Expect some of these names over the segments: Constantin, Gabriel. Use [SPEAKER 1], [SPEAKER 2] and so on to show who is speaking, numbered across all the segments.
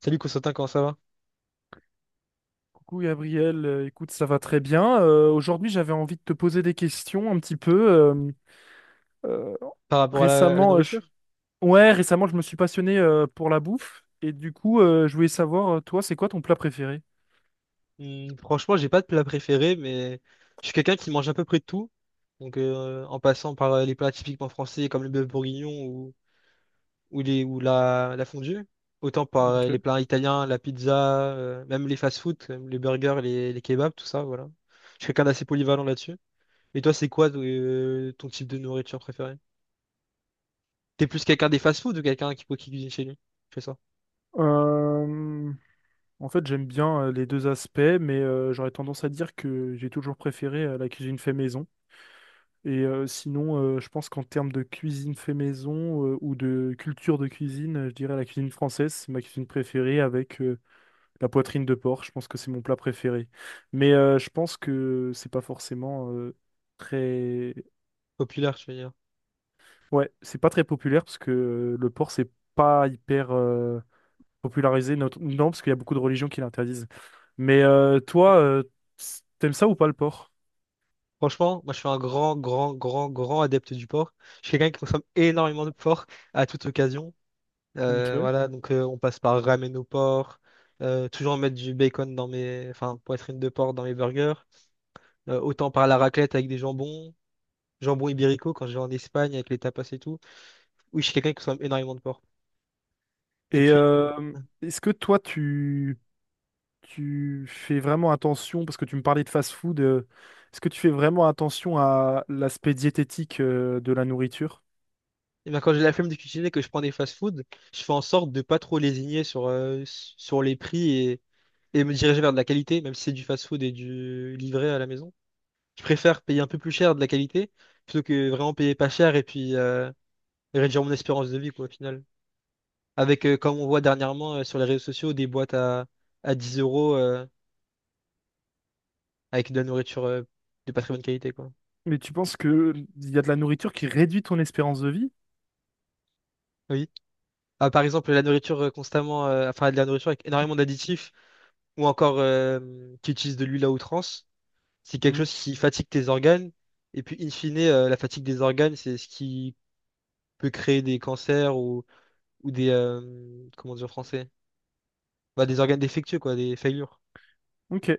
[SPEAKER 1] Salut Constantin, comment ça va?
[SPEAKER 2] Coucou Gabriel, écoute, ça va très bien. Aujourd'hui, j'avais envie de te poser des questions un petit peu. Euh,
[SPEAKER 1] Par rapport à la
[SPEAKER 2] récemment, euh, je...
[SPEAKER 1] nourriture?
[SPEAKER 2] ouais, récemment, je me suis passionné pour la bouffe, et du coup, je voulais savoir, toi, c'est quoi ton plat préféré?
[SPEAKER 1] Franchement, j'ai pas de plat préféré, mais je suis quelqu'un qui mange à peu près de tout. Donc, en passant par les plats typiquement français comme le bœuf bourguignon ou la fondue, autant par les
[SPEAKER 2] Ok.
[SPEAKER 1] plats italiens, la pizza, même les fast-food, comme les burgers, les kebabs, tout ça, voilà. Je suis quelqu'un d'assez polyvalent là-dessus. Et toi, c'est quoi ton type de nourriture préférée? T'es plus quelqu'un des fast-food ou quelqu'un qui cuisine chez lui? Je fais ça.
[SPEAKER 2] Euh, En fait, j'aime bien les deux aspects, mais j'aurais tendance à dire que j'ai toujours préféré la cuisine fait maison. Et sinon, je pense qu'en termes de cuisine fait maison ou de culture de cuisine, je dirais la cuisine française, c'est ma cuisine préférée avec la poitrine de porc. Je pense que c'est mon plat préféré. Mais je pense que c'est pas forcément très.
[SPEAKER 1] Populaire, je veux dire.
[SPEAKER 2] Ouais, c'est pas très populaire parce que le porc, c'est pas hyper popularisé. Non, parce qu'il y a beaucoup de religions qui l'interdisent. Mais toi, t'aimes ça ou pas le porc?
[SPEAKER 1] Franchement, moi je suis un grand, grand, grand, grand adepte du porc. Je suis quelqu'un qui consomme énormément de porc à toute occasion.
[SPEAKER 2] Ok.
[SPEAKER 1] Voilà, donc on passe par ramen au porc, toujours mettre du bacon dans mes, enfin, poitrine de porc dans mes burgers. Autant par la raclette avec des jambons, jambon ibérico quand je vais en Espagne avec les tapas et tout. Oui, je suis quelqu'un qui consomme énormément de porc. Et
[SPEAKER 2] Et
[SPEAKER 1] puis,
[SPEAKER 2] est-ce que toi, tu fais vraiment attention, parce que tu me parlais de fast-food, est-ce que tu fais vraiment attention à l'aspect diététique de la nourriture?
[SPEAKER 1] eh ben, quand j'ai la flemme de cuisiner, que je prends des fast-food, je fais en sorte de pas trop lésigner sur les prix et me diriger vers de la qualité, même si c'est du fast-food et du livré à la maison. Je préfère payer un peu plus cher de la qualité plutôt que vraiment payer pas cher et puis réduire mon espérance de vie, quoi, au final. Avec, comme on voit dernièrement sur les réseaux sociaux, des boîtes à 10 euros avec de la nourriture de pas très bonne qualité, quoi.
[SPEAKER 2] Mais tu penses que il y a de la nourriture qui réduit ton espérance de vie?
[SPEAKER 1] Oui. Ah, par exemple, la nourriture enfin, de la nourriture avec énormément d'additifs ou encore qui utilise de l'huile à outrance, c'est quelque
[SPEAKER 2] Hmm,
[SPEAKER 1] chose qui fatigue tes organes. Et puis, in fine, la fatigue des organes, c'est ce qui peut créer des cancers ou comment dire en français? Bah, des organes défectueux, quoi, des faillures.
[SPEAKER 2] ok. Et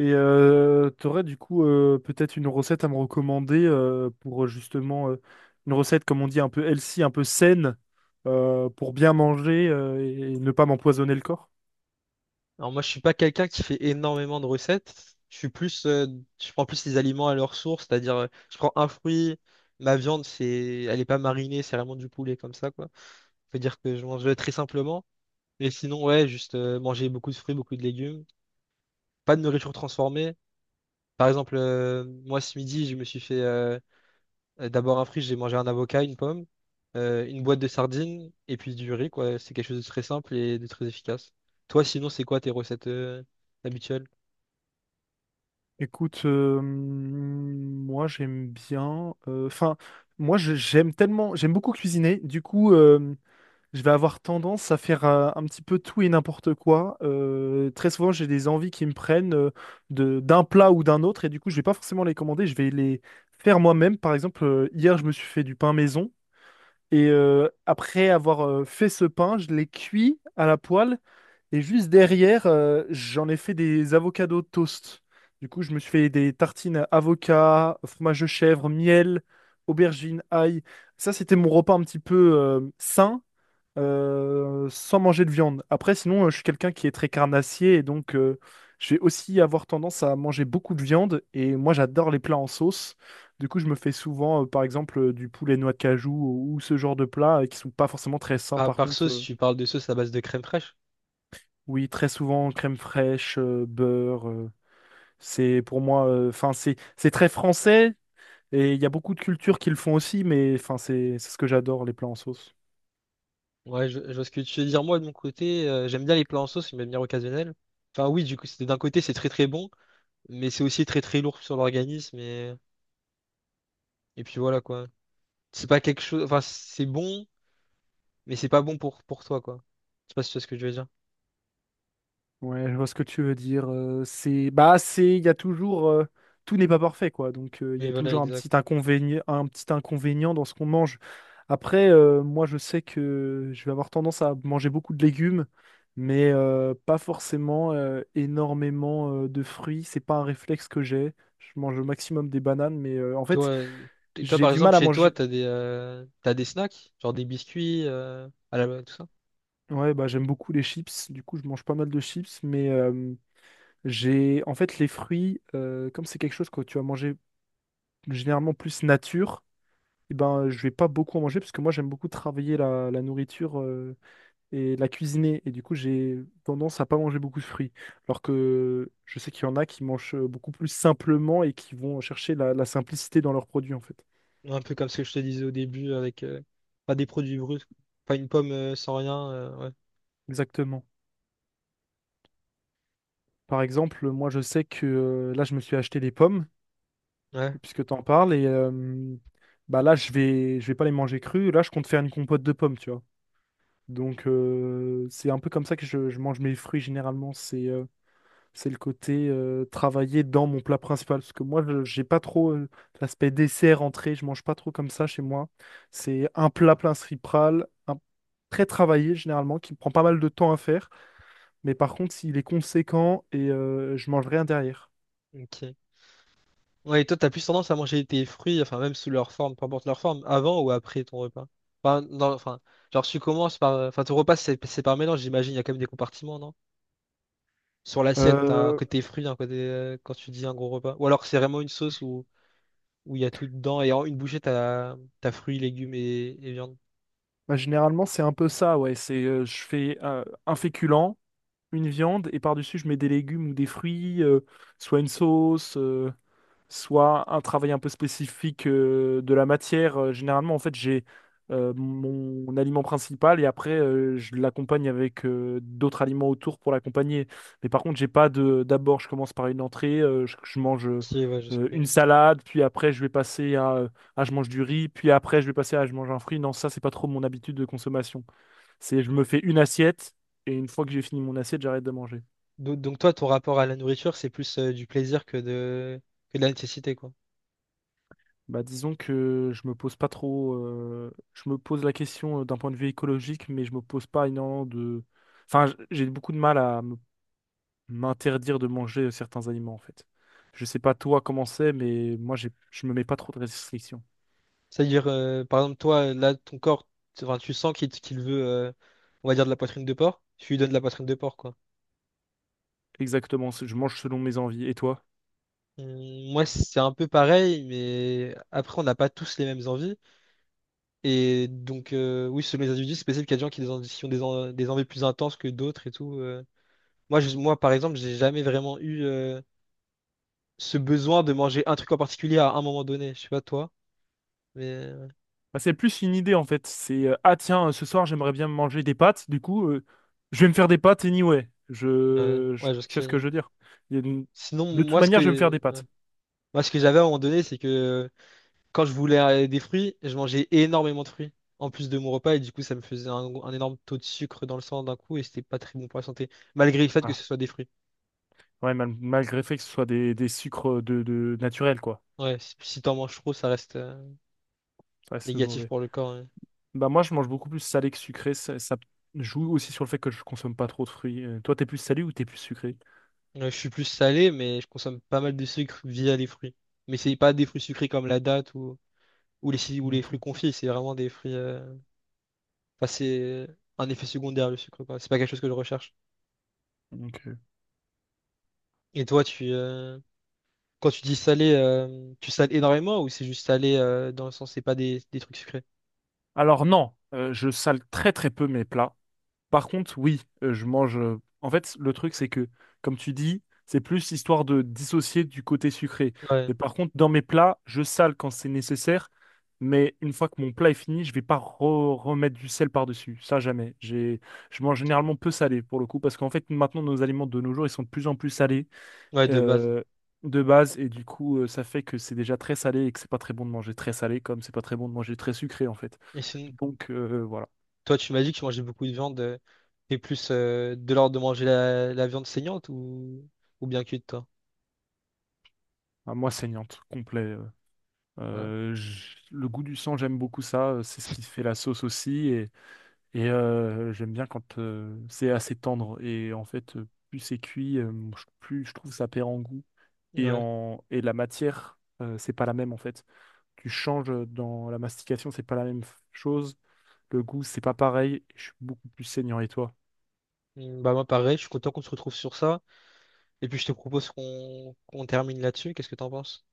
[SPEAKER 2] t'aurais du coup peut-être une recette à me recommander pour justement une recette, comme on dit, un peu healthy, un peu saine, pour bien manger et ne pas m'empoisonner le corps?
[SPEAKER 1] Alors moi, je suis pas quelqu'un qui fait énormément de recettes. Je suis plus, je prends plus les aliments à leur source, c'est-à-dire, je prends un fruit, ma viande, c'est, elle est pas marinée, c'est vraiment du poulet comme ça, quoi. Faut dire que je mange très simplement. Et sinon, ouais, juste manger beaucoup de fruits, beaucoup de légumes, pas de nourriture transformée. Par exemple, moi ce midi, je me suis fait d'abord un fruit, j'ai mangé un avocat, une pomme, une boîte de sardines et puis du riz, quoi. C'est quelque chose de très simple et de très efficace. Toi, sinon, c'est quoi tes recettes habituelles?
[SPEAKER 2] Écoute, moi j'aime bien. Enfin, j'aime beaucoup cuisiner. Du coup, je vais avoir tendance à faire un petit peu tout et n'importe quoi. Très souvent, j'ai des envies qui me prennent de d'un plat ou d'un autre, et du coup, je vais pas forcément les commander. Je vais les faire moi-même. Par exemple, hier, je me suis fait du pain maison, et après avoir fait ce pain, je l'ai cuit à la poêle. Et juste derrière, j'en ai fait des avocados toast. Du coup, je me suis fait des tartines avocat, fromage de chèvre, miel, aubergine, ail. Ça, c'était mon repas un petit peu sain, sans manger de viande. Après, sinon, je suis quelqu'un qui est très carnassier, et donc je vais aussi avoir tendance à manger beaucoup de viande. Et moi, j'adore les plats en sauce. Du coup, je me fais souvent, par exemple, du poulet noix de cajou, ou ce genre de plats qui sont pas forcément très sains,
[SPEAKER 1] Par,
[SPEAKER 2] par
[SPEAKER 1] par
[SPEAKER 2] contre.
[SPEAKER 1] sauce, tu parles de sauce à base de crème fraîche?
[SPEAKER 2] Oui, très souvent crème fraîche, beurre. C'est pour moi, enfin c'est très français, et il y a beaucoup de cultures qui le font aussi, mais enfin c'est ce que j'adore les plats en sauce.
[SPEAKER 1] Ouais, je vois ce que tu veux dire. Moi, de mon côté, j'aime bien les plats en sauce, de manière occasionnelle. Enfin, oui, du coup, c'est- d'un côté, c'est très très bon, mais c'est aussi très très lourd sur l'organisme. Et puis voilà, quoi. C'est pas quelque chose. Enfin, c'est bon, mais c'est pas bon pour toi, quoi. Je sais pas si tu vois ce que je veux dire.
[SPEAKER 2] Ouais, je vois ce que tu veux dire. Bah, il y a toujours, tout n'est pas parfait, quoi. Donc, il y
[SPEAKER 1] Oui,
[SPEAKER 2] a
[SPEAKER 1] voilà,
[SPEAKER 2] toujours
[SPEAKER 1] exact.
[SPEAKER 2] un petit inconvénient dans ce qu'on mange. Après, moi, je sais que je vais avoir tendance à manger beaucoup de légumes, mais pas forcément énormément de fruits. C'est pas un réflexe que j'ai. Je mange au maximum des bananes, mais en
[SPEAKER 1] Toi,
[SPEAKER 2] fait,
[SPEAKER 1] euh, et toi,
[SPEAKER 2] j'ai
[SPEAKER 1] par
[SPEAKER 2] du mal
[SPEAKER 1] exemple,
[SPEAKER 2] à
[SPEAKER 1] chez toi,
[SPEAKER 2] manger.
[SPEAKER 1] t'as des snacks, genre des biscuits, à la, tout ça.
[SPEAKER 2] Ouais, bah, j'aime beaucoup les chips. Du coup, je mange pas mal de chips, mais j'ai en fait les fruits, comme c'est quelque chose que tu vas manger généralement plus nature, et ben je vais pas beaucoup en manger, parce que moi j'aime beaucoup travailler la nourriture et la cuisiner, et du coup j'ai tendance à pas manger beaucoup de fruits. Alors que je sais qu'il y en a qui mangent beaucoup plus simplement et qui vont chercher la simplicité dans leurs produits, en fait.
[SPEAKER 1] Un peu comme ce que je te disais au début avec pas des produits bruts, quoi. Pas une pomme sans rien. Ouais.
[SPEAKER 2] Exactement. Par exemple, moi je sais que là je me suis acheté des pommes
[SPEAKER 1] Ouais.
[SPEAKER 2] puisque t'en parles, et bah là je vais pas les manger crues. Là je compte faire une compote de pommes, tu vois. Donc c'est un peu comme ça que je mange mes fruits généralement. C'est le côté travailler dans mon plat principal. Parce que moi, j'ai pas trop l'aspect dessert, entrée. Je mange pas trop comme ça chez moi. C'est un plat principal, très travaillé généralement, qui prend pas mal de temps à faire. Mais par contre, s'il est conséquent, et je mange rien derrière.
[SPEAKER 1] Ok. Ouais, et toi, t'as plus tendance à manger tes fruits, enfin même sous leur forme, peu importe leur forme, avant ou après ton repas. Enfin, dans- enfin, genre tu commences par, enfin ton repas c'est par mélange, j'imagine. Il y a quand même des compartiments, sur l'assiette, t'as un
[SPEAKER 2] Euh,
[SPEAKER 1] côté fruit, un côté quand tu dis un gros repas. Ou alors c'est vraiment une sauce où il y a tout dedans et en une bouchée t'as t'as fruits, légumes et viande.
[SPEAKER 2] Bah, généralement, c'est un peu ça, ouais. C'est je fais un féculent, une viande, et par-dessus, je mets des légumes ou des fruits, soit une sauce, soit un travail un peu spécifique de la matière. Généralement, en fait, j'ai mon aliment principal, et après, je l'accompagne avec d'autres aliments autour pour l'accompagner. Mais par contre, j'ai pas de. D'abord, je commence par une entrée, je mange
[SPEAKER 1] Qui est- ouais, je sais plus.
[SPEAKER 2] une salade, puis après, je vais passer à, je mange du riz, puis après, je vais passer à je mange un fruit. Non, ça, c'est pas trop mon habitude de consommation. C'est je me fais une assiette, et une fois que j'ai fini mon assiette, j'arrête de manger.
[SPEAKER 1] Donc toi, ton rapport à la nourriture, c'est plus du plaisir que de la nécessité, quoi.
[SPEAKER 2] Bah, disons que je me pose pas trop. Je me pose la question d'un point de vue écologique, mais je me pose pas énormément de. Enfin, j'ai beaucoup de mal à m'interdire de manger certains aliments, en fait. Je sais pas toi comment c'est, mais moi, je me mets pas trop de restrictions.
[SPEAKER 1] C'est-à-dire, par exemple, toi, là, ton corps, tu enfin, tu sens qu'il veut, on va dire, de la poitrine de porc. Tu lui donnes de la poitrine de porc, quoi.
[SPEAKER 2] Exactement, je mange selon mes envies. Et toi?
[SPEAKER 1] Moi, c'est un peu pareil, mais après, on n'a pas tous les mêmes envies. Et donc, oui, selon les individus, c'est possible qu'il y a des gens qui ont des en- des envies plus intenses que d'autres et tout. Moi, par exemple, j'ai jamais vraiment eu ce besoin de manger un truc en particulier à un moment donné. Je sais pas toi, mais
[SPEAKER 2] Bah, c'est plus une idée, en fait. Ce soir, j'aimerais bien manger des pâtes. Du coup, je vais me faire des pâtes anyway.
[SPEAKER 1] ouais, ouais, je vois ce que
[SPEAKER 2] Tu
[SPEAKER 1] tu
[SPEAKER 2] vois
[SPEAKER 1] veux
[SPEAKER 2] ce que
[SPEAKER 1] dire.
[SPEAKER 2] je veux dire? Il y a une-
[SPEAKER 1] Sinon,
[SPEAKER 2] De toute
[SPEAKER 1] moi, ce
[SPEAKER 2] manière, je vais me faire
[SPEAKER 1] que,
[SPEAKER 2] des
[SPEAKER 1] ouais.
[SPEAKER 2] pâtes.
[SPEAKER 1] Moi, ce que j'avais à un moment donné, c'est que quand je voulais des fruits, je mangeais énormément de fruits en plus de mon repas et du coup, ça me faisait un énorme taux de sucre dans le sang d'un coup et c'était pas très bon pour la santé, malgré le fait que ce soit des fruits.
[SPEAKER 2] Ouais, malgré le fait que ce soit des sucres de naturels, quoi.
[SPEAKER 1] Ouais, si si t'en manges trop, ça reste
[SPEAKER 2] Ça reste
[SPEAKER 1] négatif
[SPEAKER 2] mauvais.
[SPEAKER 1] pour le corps, hein.
[SPEAKER 2] Bah moi, je mange beaucoup plus salé que sucré. Ça joue aussi sur le fait que je consomme pas trop de fruits. Toi, t'es plus salé ou t'es plus sucré?
[SPEAKER 1] Ouais, je suis plus salé, mais je consomme pas mal de sucre via les fruits. Mais c'est pas des fruits sucrés comme la date ou les fruits
[SPEAKER 2] Ok,
[SPEAKER 1] confits, c'est vraiment des fruits. Enfin, c'est un effet secondaire le sucre, quoi. C'est pas quelque chose que je recherche.
[SPEAKER 2] ok.
[SPEAKER 1] Et toi, tu quand tu dis salé, tu sales énormément ou c'est juste salé dans le sens c'est pas des, des trucs sucrés?
[SPEAKER 2] Alors non, je sale très très peu mes plats. Par contre, oui, je mange. En fait, le truc, c'est que, comme tu dis, c'est plus histoire de dissocier du côté sucré.
[SPEAKER 1] Ouais.
[SPEAKER 2] Mais par contre, dans mes plats, je sale quand c'est nécessaire. Mais une fois que mon plat est fini, je vais pas remettre du sel par-dessus. Ça, jamais. Je mange
[SPEAKER 1] Ok.
[SPEAKER 2] généralement peu salé pour le coup, parce qu'en fait, maintenant, nos aliments de nos jours, ils sont de plus en plus salés
[SPEAKER 1] Ouais, de base.
[SPEAKER 2] euh, de base, et du coup, ça fait que c'est déjà très salé, et que c'est pas très bon de manger très salé, comme c'est pas très bon de manger très sucré, en fait.
[SPEAKER 1] Et sinon,
[SPEAKER 2] Donc, voilà,
[SPEAKER 1] toi, tu m'as dit que tu mangeais beaucoup de viande. T'es plus de l'ordre de manger la viande saignante ou bien cuite, toi?
[SPEAKER 2] à moi saignante, complet.
[SPEAKER 1] Ouais.
[SPEAKER 2] Le goût du sang, j'aime beaucoup ça. C'est ce qui fait la sauce aussi. J'aime bien quand c'est assez tendre. Et en fait, plus c'est cuit, plus je trouve ça perd en goût. Et,
[SPEAKER 1] Ouais.
[SPEAKER 2] en, et la matière, c'est pas la même, en fait. Tu changes dans la mastication, c'est pas la même chose. Le goût, c'est pas pareil. Je suis beaucoup plus saignant. Et toi?
[SPEAKER 1] Bah moi pareil, je suis content qu'on se retrouve sur ça. Et puis je te propose qu'on termine là-dessus. Qu'est-ce que t'en penses?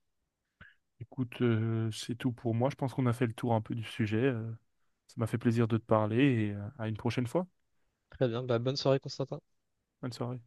[SPEAKER 2] Écoute, c'est tout pour moi. Je pense qu'on a fait le tour un peu du sujet. Ça m'a fait plaisir de te parler, et à une prochaine fois.
[SPEAKER 1] Très bien, bah bonne soirée Constantin.
[SPEAKER 2] Bonne soirée.